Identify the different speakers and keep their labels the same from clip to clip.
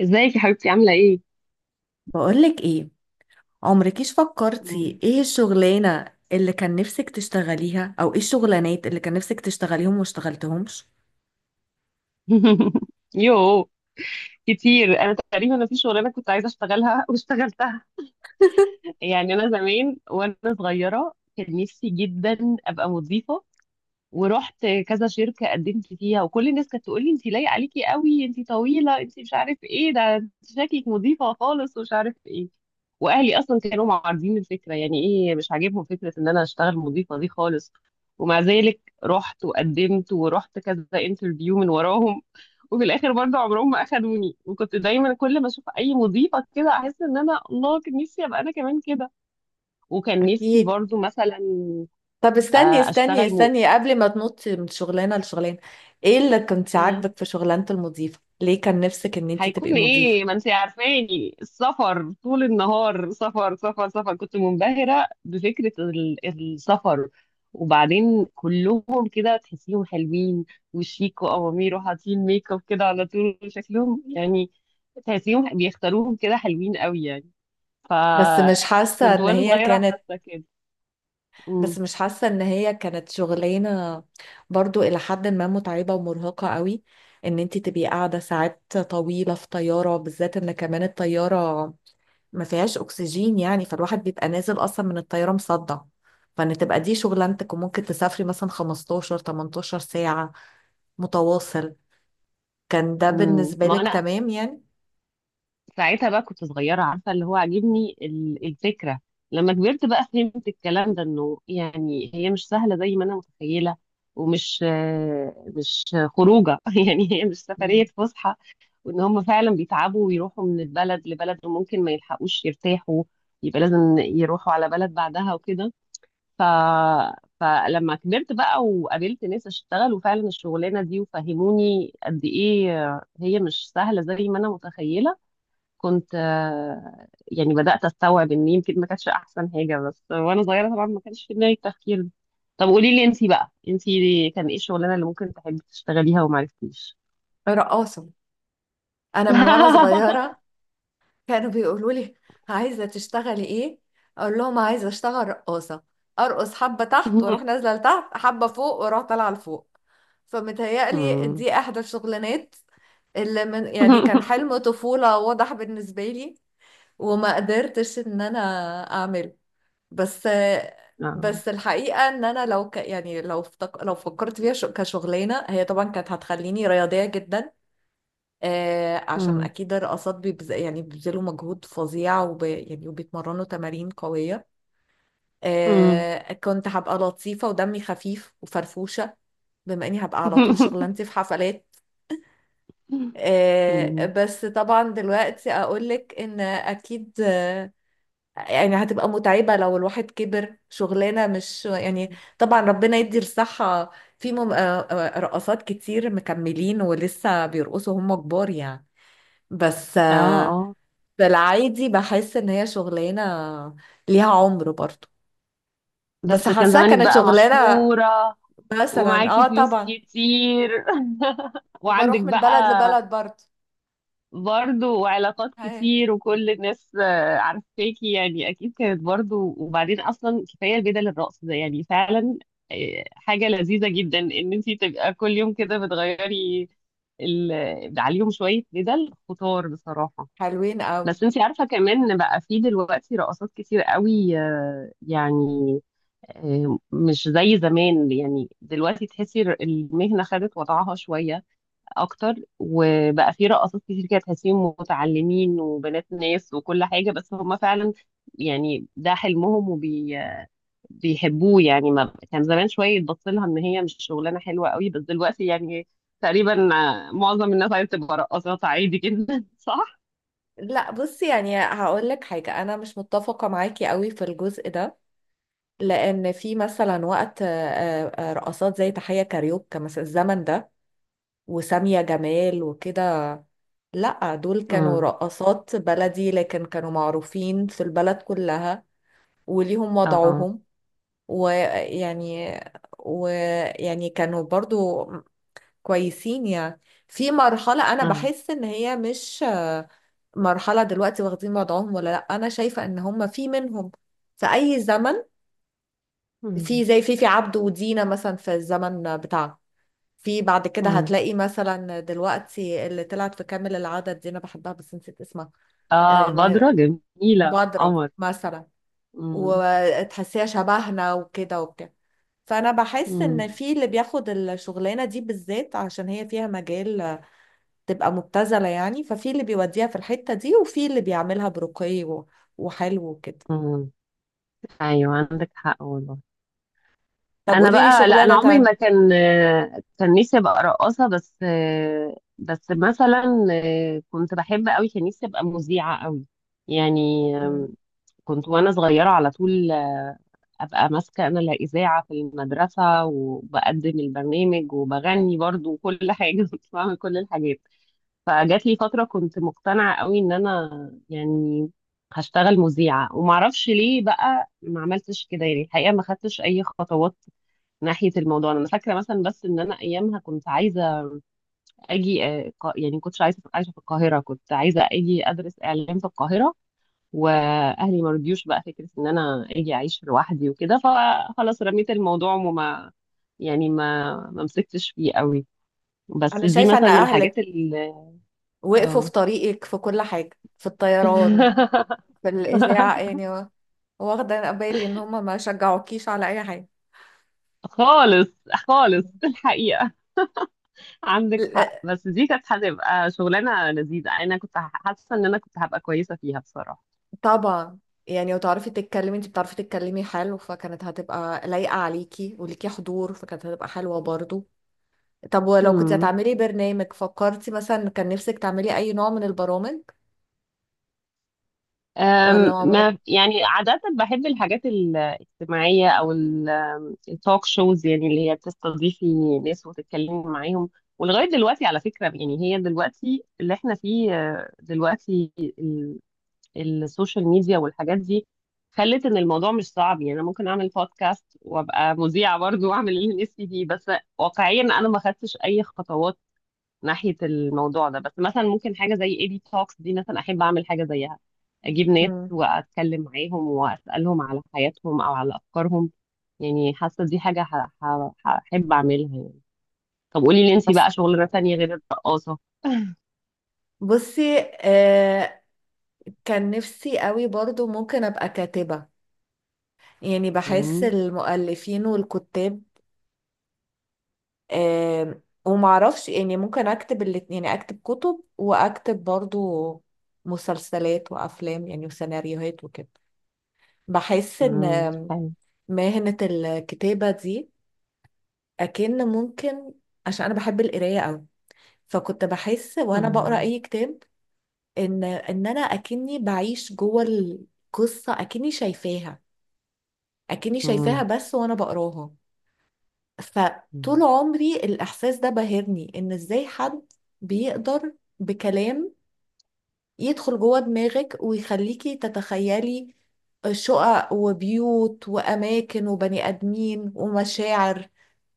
Speaker 1: ازيك يا حبيبتي؟ عاملة ايه؟
Speaker 2: بقولك ايه، عمركيش
Speaker 1: مم.
Speaker 2: فكرتي ايه الشغلانة اللي كان نفسك تشتغليها او ايه الشغلانات اللي كان نفسك تشتغليهم وما اشتغلتهمش؟
Speaker 1: يو كتير. انا تقريبا في شغلانة كنت عايزة اشتغلها واشتغلتها. يعني انا زمان وانا صغيرة كان نفسي جدا ابقى مضيفة، ورحت كذا شركة قدمت فيها، وكل الناس كانت تقول لي انت لايقة عليكي قوي، انت طويلة، انت مش عارف ايه ده، انت شكلك مضيفة خالص ومش عارف ايه. واهلي اصلا كانوا معارضين الفكرة، يعني ايه مش عاجبهم فكرة ان انا اشتغل مضيفة دي خالص. ومع ذلك رحت وقدمت ورحت كذا انترفيو من وراهم، وفي الاخر برضه عمرهم ما اخدوني. وكنت دايما كل ما اشوف اي مضيفة كده احس ان انا، الله، كان نفسي ابقى انا كمان كده. وكان نفسي
Speaker 2: أكيد.
Speaker 1: برضه مثلا
Speaker 2: طب استني استني
Speaker 1: اشتغل
Speaker 2: استني قبل ما تنطي من شغلانة لشغلانة. ايه اللي كنت
Speaker 1: آه،
Speaker 2: عاجبك في شغلانة المضيفة؟ ليه كان نفسك ان انت تبقي
Speaker 1: هيكون
Speaker 2: مضيفة؟
Speaker 1: ايه، ما انت عارفاني السفر طول النهار، سفر سفر سفر. كنت منبهرة بفكرة السفر. وبعدين كلهم كده تحسيهم حلوين وشيك وأوامير وحاطين ميك اب كده على طول، شكلهم يعني تحسيهم بيختاروهم كده حلوين قوي يعني.
Speaker 2: بس مش حاسة
Speaker 1: فكنت
Speaker 2: ان
Speaker 1: وانا
Speaker 2: هي
Speaker 1: صغيرة
Speaker 2: كانت،
Speaker 1: حاسة كده.
Speaker 2: بس
Speaker 1: امم
Speaker 2: مش حاسة ان هي كانت شغلانة برضو الى حد ما متعبة ومرهقة قوي؟ ان انت تبقي قاعدة ساعات طويلة في طيارة، بالذات ان كمان الطيارة ما فيهاش اكسجين، يعني فالواحد بيبقى نازل اصلا من الطياره مصدع. فان تبقى دي شغلانتك وممكن تسافري مثلا 15 18 ساعه متواصل، كان ده
Speaker 1: أمم.
Speaker 2: بالنسبه
Speaker 1: ما
Speaker 2: لك
Speaker 1: انا
Speaker 2: تمام يعني؟
Speaker 1: ساعتها بقى كنت صغيرة، عارفة اللي هو عاجبني الفكرة. لما كبرت بقى فهمت الكلام ده، انه يعني هي مش سهلة زي ما انا متخيلة. ومش مش خروجة. يعني هي مش سفرية
Speaker 2: مم.
Speaker 1: فسحة، وان هم فعلا بيتعبوا ويروحوا من البلد لبلد، وممكن ما يلحقوش يرتاحوا، يبقى لازم يروحوا على بلد بعدها وكده. ف... فلما كبرت بقى وقابلت ناس اشتغل وفعلا الشغلانة دي، وفهموني قد ايه هي مش سهلة زي ما انا متخيلة، كنت يعني بدأت أستوعب إن يمكن ما كانتش أحسن حاجة. بس وأنا صغيرة طبعا ما كانش في دماغي التفكير ده. طب قولي لي، أنتي بقى أنتي كان إيه الشغلانة اللي ممكن تحبي تشتغليها وما عرفتيش؟
Speaker 2: رقاصه. انا من وانا صغيره كانوا بيقولوا لي عايزة تشتغلي ايه، اقول لهم عايزة اشتغل رقاصة، ارقص حبة تحت واروح نازلة لتحت، حبة فوق واروح طالعة لفوق. فمتهيألي
Speaker 1: مم.
Speaker 2: دي احدى الشغلانات اللي من يعني كان حلم طفولة واضح بالنسبة لي وما قدرتش ان انا اعمله. بس
Speaker 1: آه.
Speaker 2: بس الحقيقة ان انا لو ك يعني لو افتك... لو فكرت فيها كشغلانة، هي طبعا كانت هتخليني رياضية جدا. آه، عشان
Speaker 1: مم.
Speaker 2: اكيد الرقصات بيبز... يعني بيبذلوا مجهود فظيع، وب... يعني وبيتمرنوا تمارين قوية.
Speaker 1: مم.
Speaker 2: آه، كنت هبقى لطيفة ودمي خفيف وفرفوشة، بما اني هبقى على طول شغلانتي في حفلات. آه،
Speaker 1: مم.
Speaker 2: بس طبعا دلوقتي اقولك ان اكيد آه، يعني هتبقى متعبة لو الواحد كبر. شغلانة مش يعني، طبعا ربنا يدي الصحة، في رقصات كتير مكملين ولسه بيرقصوا هم كبار يعني. بس
Speaker 1: اه،
Speaker 2: آه،
Speaker 1: اه،
Speaker 2: في العادي بحس ان هي شغلانه ليها عمر برضو. بس
Speaker 1: بس كان
Speaker 2: حاساها
Speaker 1: زمانك
Speaker 2: كانت
Speaker 1: بقى
Speaker 2: شغلانه،
Speaker 1: مشهورة،
Speaker 2: مثلا،
Speaker 1: ومعاكي
Speaker 2: اه
Speaker 1: فلوس
Speaker 2: طبعا،
Speaker 1: كتير. وعندك
Speaker 2: وبروح من
Speaker 1: بقى
Speaker 2: بلد لبلد برضو.
Speaker 1: برضه وعلاقات
Speaker 2: هي.
Speaker 1: كتير، وكل الناس عارفاكي يعني اكيد كانت برضه. وبعدين اصلا كفايه بدل الرقص ده، يعني فعلا حاجه لذيذه جدا ان انت تبقى كل يوم كده بتغيري عليهم شويه، بدل خطار بصراحه.
Speaker 2: حلوين قوي.
Speaker 1: بس انت عارفه كمان ان بقى في دلوقتي رقصات كتير قوي، يعني مش زي زمان. يعني دلوقتي تحسي المهنه خدت وضعها شويه اكتر، وبقى في رقصات كتير كده تحسيهم متعلمين وبنات ناس وكل حاجه. بس هم فعلا يعني ده حلمهم وبيحبوه. يعني ما كان زمان شويه يتبص لها ان هي مش شغلانه حلوه قوي، بس دلوقتي يعني تقريبا معظم الناس عايزه تبقى رقاصات عادي جدا. صح؟
Speaker 2: لا بصي، يعني هقول لك حاجه، انا مش متفقه معاكي قوي في الجزء ده. لان في مثلا وقت آه، آه، رقصات زي تحيه كاريوكا مثلا الزمن ده وسامية جمال وكده. لا، دول كانوا
Speaker 1: امم.
Speaker 2: رقصات بلدي لكن كانوا معروفين في البلد كلها وليهم
Speaker 1: اه.
Speaker 2: وضعهم. ويعني ويعني كانوا برضو كويسين يعني. في مرحلة أنا
Speaker 1: اه.
Speaker 2: بحس إن هي مش آه، مرحلة دلوقتي واخدين وضعهم ولا لأ. أنا شايفة إن هم في منهم في أي زمن.
Speaker 1: امم.
Speaker 2: في زي فيفي عبده ودينا مثلا في الزمن بتاعها، في بعد كده
Speaker 1: امم.
Speaker 2: هتلاقي مثلا دلوقتي اللي طلعت في كامل العدد دي، أنا بحبها بس نسيت اسمها.
Speaker 1: اه،
Speaker 2: آه،
Speaker 1: بدرة
Speaker 2: ماهرة.
Speaker 1: جميله
Speaker 2: بدرة
Speaker 1: قمر.
Speaker 2: مثلا.
Speaker 1: امم.
Speaker 2: وتحسيها شبهنا وكده وبتاع. فانا بحس ان
Speaker 1: امم.
Speaker 2: في اللي بياخد الشغلانه دي بالذات عشان هي فيها مجال تبقى مبتذله، يعني ففي اللي بيوديها في الحته دي وفي اللي بيعملها برقي وحلو وكده.
Speaker 1: ايوه عندك حق والله.
Speaker 2: طب
Speaker 1: انا
Speaker 2: قولي لي
Speaker 1: بقى لا، انا
Speaker 2: شغلانه
Speaker 1: عمري ما
Speaker 2: تانية.
Speaker 1: كان كان نفسي ابقى رقاصه. بس بس مثلا كنت بحب قوي، كان نفسي ابقى مذيعه قوي يعني.
Speaker 2: مم.
Speaker 1: كنت وانا صغيره على طول ابقى ماسكه انا الاذاعه في المدرسه، وبقدم البرنامج وبغني برضو وكل حاجه. كنت بعمل كل الحاجات. فجات لي فتره كنت مقتنعه قوي ان انا يعني هشتغل مذيعه. ومعرفش ليه بقى ما عملتش كده، يعني الحقيقه ما خدتش اي خطوات ناحيه الموضوع. انا فاكره مثلا بس ان انا ايامها كنت عايزه اجي يعني كنتش عايزه أبقى عايشه في القاهره، كنت عايزه اجي ادرس اعلام في القاهره، واهلي ما رضيوش بقى فكره ان انا اجي اعيش لوحدي وكده. فخلاص رميت الموضوع وما يعني ما مسكتش فيه قوي. بس
Speaker 2: انا
Speaker 1: دي
Speaker 2: شايفه ان
Speaker 1: مثلا من الحاجات
Speaker 2: اهلك
Speaker 1: اللي
Speaker 2: وقفوا في
Speaker 1: اه.
Speaker 2: طريقك في كل حاجه، في الطيران، في الاذاعه يعني، واخده بالي ان هم ما شجعوكيش على اي حاجه.
Speaker 1: خالص خالص الحقيقة عندك حق. بس دي كانت هتبقى شغلانة لذيذة، أنا كنت حاسة إن أنا كنت هبقى كويسة فيها بصراحة.
Speaker 2: طبعا، يعني وتعرفي تتكلمي، انت بتعرفي تتكلمي حلو، فكانت هتبقى لايقة عليكي وليكي حضور، فكانت هتبقى حلوة برضو. طب ولو كنت
Speaker 1: امم.
Speaker 2: هتعملي برنامج، فكرتي مثلا كان نفسك تعملي اي نوع من البرامج ولا عمرك؟
Speaker 1: ما يعني عادة بحب الحاجات الاجتماعية أو التوك شوز، يعني اللي هي بتستضيفي ناس وتتكلمي معاهم. ولغاية دلوقتي على فكرة، يعني هي دلوقتي اللي احنا فيه، دلوقتي ال- السوشيال ميديا والحاجات دي خلت ان الموضوع مش صعب. يعني انا ممكن اعمل بودكاست وابقى مذيعة برضه، واعمل اللي نفسي فيه. بس واقعيا انا ما خدتش اي خطوات ناحية الموضوع ده. بس مثلا ممكن حاجة زي اي بي توكس دي مثلا احب اعمل حاجة زيها، اجيب ناس
Speaker 2: مم.
Speaker 1: واتكلم معاهم واسألهم على حياتهم او على افكارهم. يعني حاسة دي حاجة هحب اعملها يعني. طب قولي لي انتي
Speaker 2: بس
Speaker 1: بقى شغلانة تانية غير الرقاصة.
Speaker 2: بصي آه، كان نفسي قوي برضو ممكن ابقى كاتبة. يعني بحس
Speaker 1: مم.
Speaker 2: المؤلفين والكتاب، آم، ومعرفش، يعني ممكن اكتب الاتنين، يعني اكتب كتب واكتب برضو مسلسلات وافلام، يعني وسيناريوهات وكده. بحس ان
Speaker 1: مم.
Speaker 2: آم،
Speaker 1: طيب.
Speaker 2: مهنة الكتابة دي اكن ممكن. عشان انا بحب القراية قوي، فكنت بحس وانا بقرا
Speaker 1: مم.
Speaker 2: اي كتاب ان انا اكني بعيش جوه القصة، اكني شايفاها، اكني شايفاها
Speaker 1: مم.
Speaker 2: بس وانا بقراها. فطول
Speaker 1: مم.
Speaker 2: عمري الإحساس ده بهرني، إن إزاي حد بيقدر بكلام يدخل جوه دماغك ويخليكي تتخيلي شقق وبيوت وأماكن وبني آدمين ومشاعر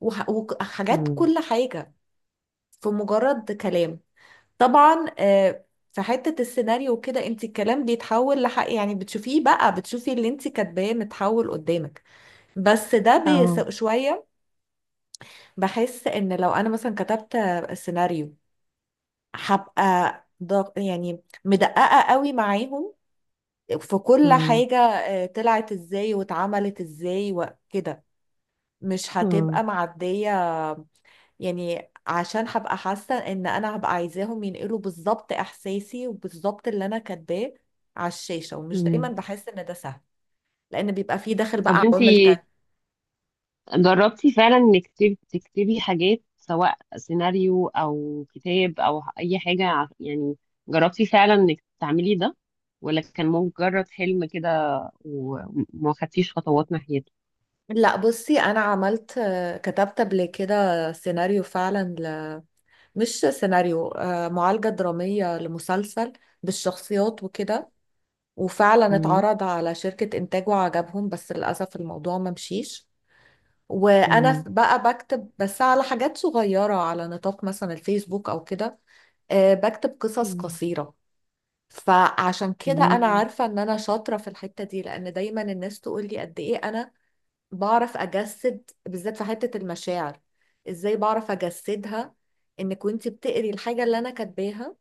Speaker 2: وحاجات،
Speaker 1: مم.
Speaker 2: كل حاجة، في مجرد كلام. طبعا آه، في حتة السيناريو وكده انت الكلام بيتحول لحق، يعني بتشوفيه بقى، بتشوفي اللي انت كاتباه متحول قدامك. بس ده
Speaker 1: اه.
Speaker 2: بيسوء شوية. بحس ان لو انا مثلا كتبت سيناريو، هبقى ضغ... يعني مدققة قوي معاهم في كل
Speaker 1: مم.
Speaker 2: حاجة، آه، طلعت ازاي واتعملت ازاي وكده. مش
Speaker 1: مم.
Speaker 2: هتبقى معدية، يعني عشان هبقى حاسة ان انا هبقى عايزاهم ينقلوا بالظبط احساسي وبالظبط اللي انا كاتباه على الشاشة، ومش دايما
Speaker 1: مم.
Speaker 2: بحس ان ده سهل. لان بيبقى فيه داخل
Speaker 1: طب
Speaker 2: بقى عوامل
Speaker 1: انتي
Speaker 2: تانية.
Speaker 1: جربتي فعلا انك تكتبي حاجات، سواء سيناريو او كتاب او اي حاجة، يعني جربتي فعلا انك تعملي ده، ولا كان مجرد حلم كده وما خدتيش خطوات ناحيته؟
Speaker 2: لا بصي، انا عملت آه، كتبت قبل كده سيناريو فعلا، مش سيناريو، آه، معالجة درامية لمسلسل بالشخصيات وكده، وفعلا
Speaker 1: مم.
Speaker 2: اتعرض على شركة إنتاج وعجبهم، بس للأسف الموضوع ما مشيش. وأنا
Speaker 1: مم.
Speaker 2: بقى بكتب بس على حاجات صغيرة على نطاق مثلا الفيسبوك أو كده. آه، بكتب قصص
Speaker 1: مم.
Speaker 2: قصيرة. فعشان كده أنا
Speaker 1: مم.
Speaker 2: عارفة إن أنا شاطرة في الحتة دي، لأن دايما الناس تقول لي قد إيه أنا بعرف أجسد، بالذات في حتة المشاعر، إزاي بعرف أجسدها إنك وإنتي بتقري الحاجة اللي أنا كاتباها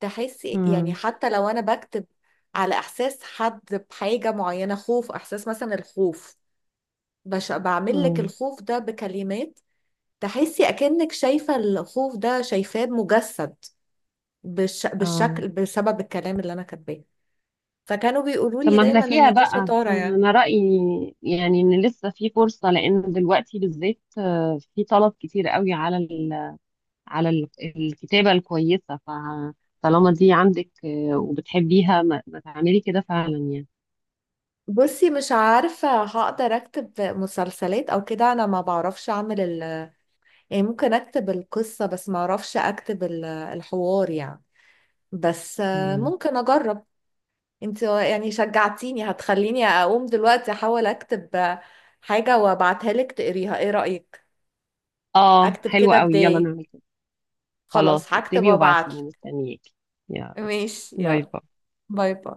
Speaker 2: تحسي، يعني
Speaker 1: مم.
Speaker 2: حتى لو انا بكتب على احساس حد بحاجة معينة، خوف، احساس مثلا الخوف، بعمل لك
Speaker 1: مم.
Speaker 2: الخوف ده بكلمات تحسي اكنك شايفة الخوف ده، شايفاه مجسد
Speaker 1: اه.
Speaker 2: بالشكل بسبب الكلام اللي انا كاتباه. فكانوا بيقولوا
Speaker 1: طب
Speaker 2: لي
Speaker 1: ما احنا
Speaker 2: دايما
Speaker 1: فيها
Speaker 2: ان دي
Speaker 1: بقى.
Speaker 2: شطارة يعني.
Speaker 1: انا رأيي يعني ان لسه في فرصة، لان دلوقتي بالذات في طلب كتير قوي على على الكتابة الكويسة. فطالما دي عندك وبتحبيها، ما تعملي كده فعلا يعني.
Speaker 2: بصي مش عارفة هقدر اكتب مسلسلات او كده، انا ما بعرفش اعمل ال... يعني ممكن اكتب القصة بس ما اعرفش اكتب الحوار يعني. بس آه،
Speaker 1: مم.
Speaker 2: ممكن اجرب. انت يعني شجعتيني، هتخليني اقوم دلوقتي احاول اكتب حاجة وابعتها لك تقريها، ايه رأيك؟
Speaker 1: اه
Speaker 2: اكتب كده
Speaker 1: حلوة قوي، يلا
Speaker 2: بداية.
Speaker 1: نعمل كده. خلاص
Speaker 2: خلاص هكتب
Speaker 1: اكتبي وبعتيلي،
Speaker 2: وابعتلك.
Speaker 1: مستنياكي. يلا،
Speaker 2: ماشي
Speaker 1: باي
Speaker 2: يلا.
Speaker 1: باي.
Speaker 2: باي باي.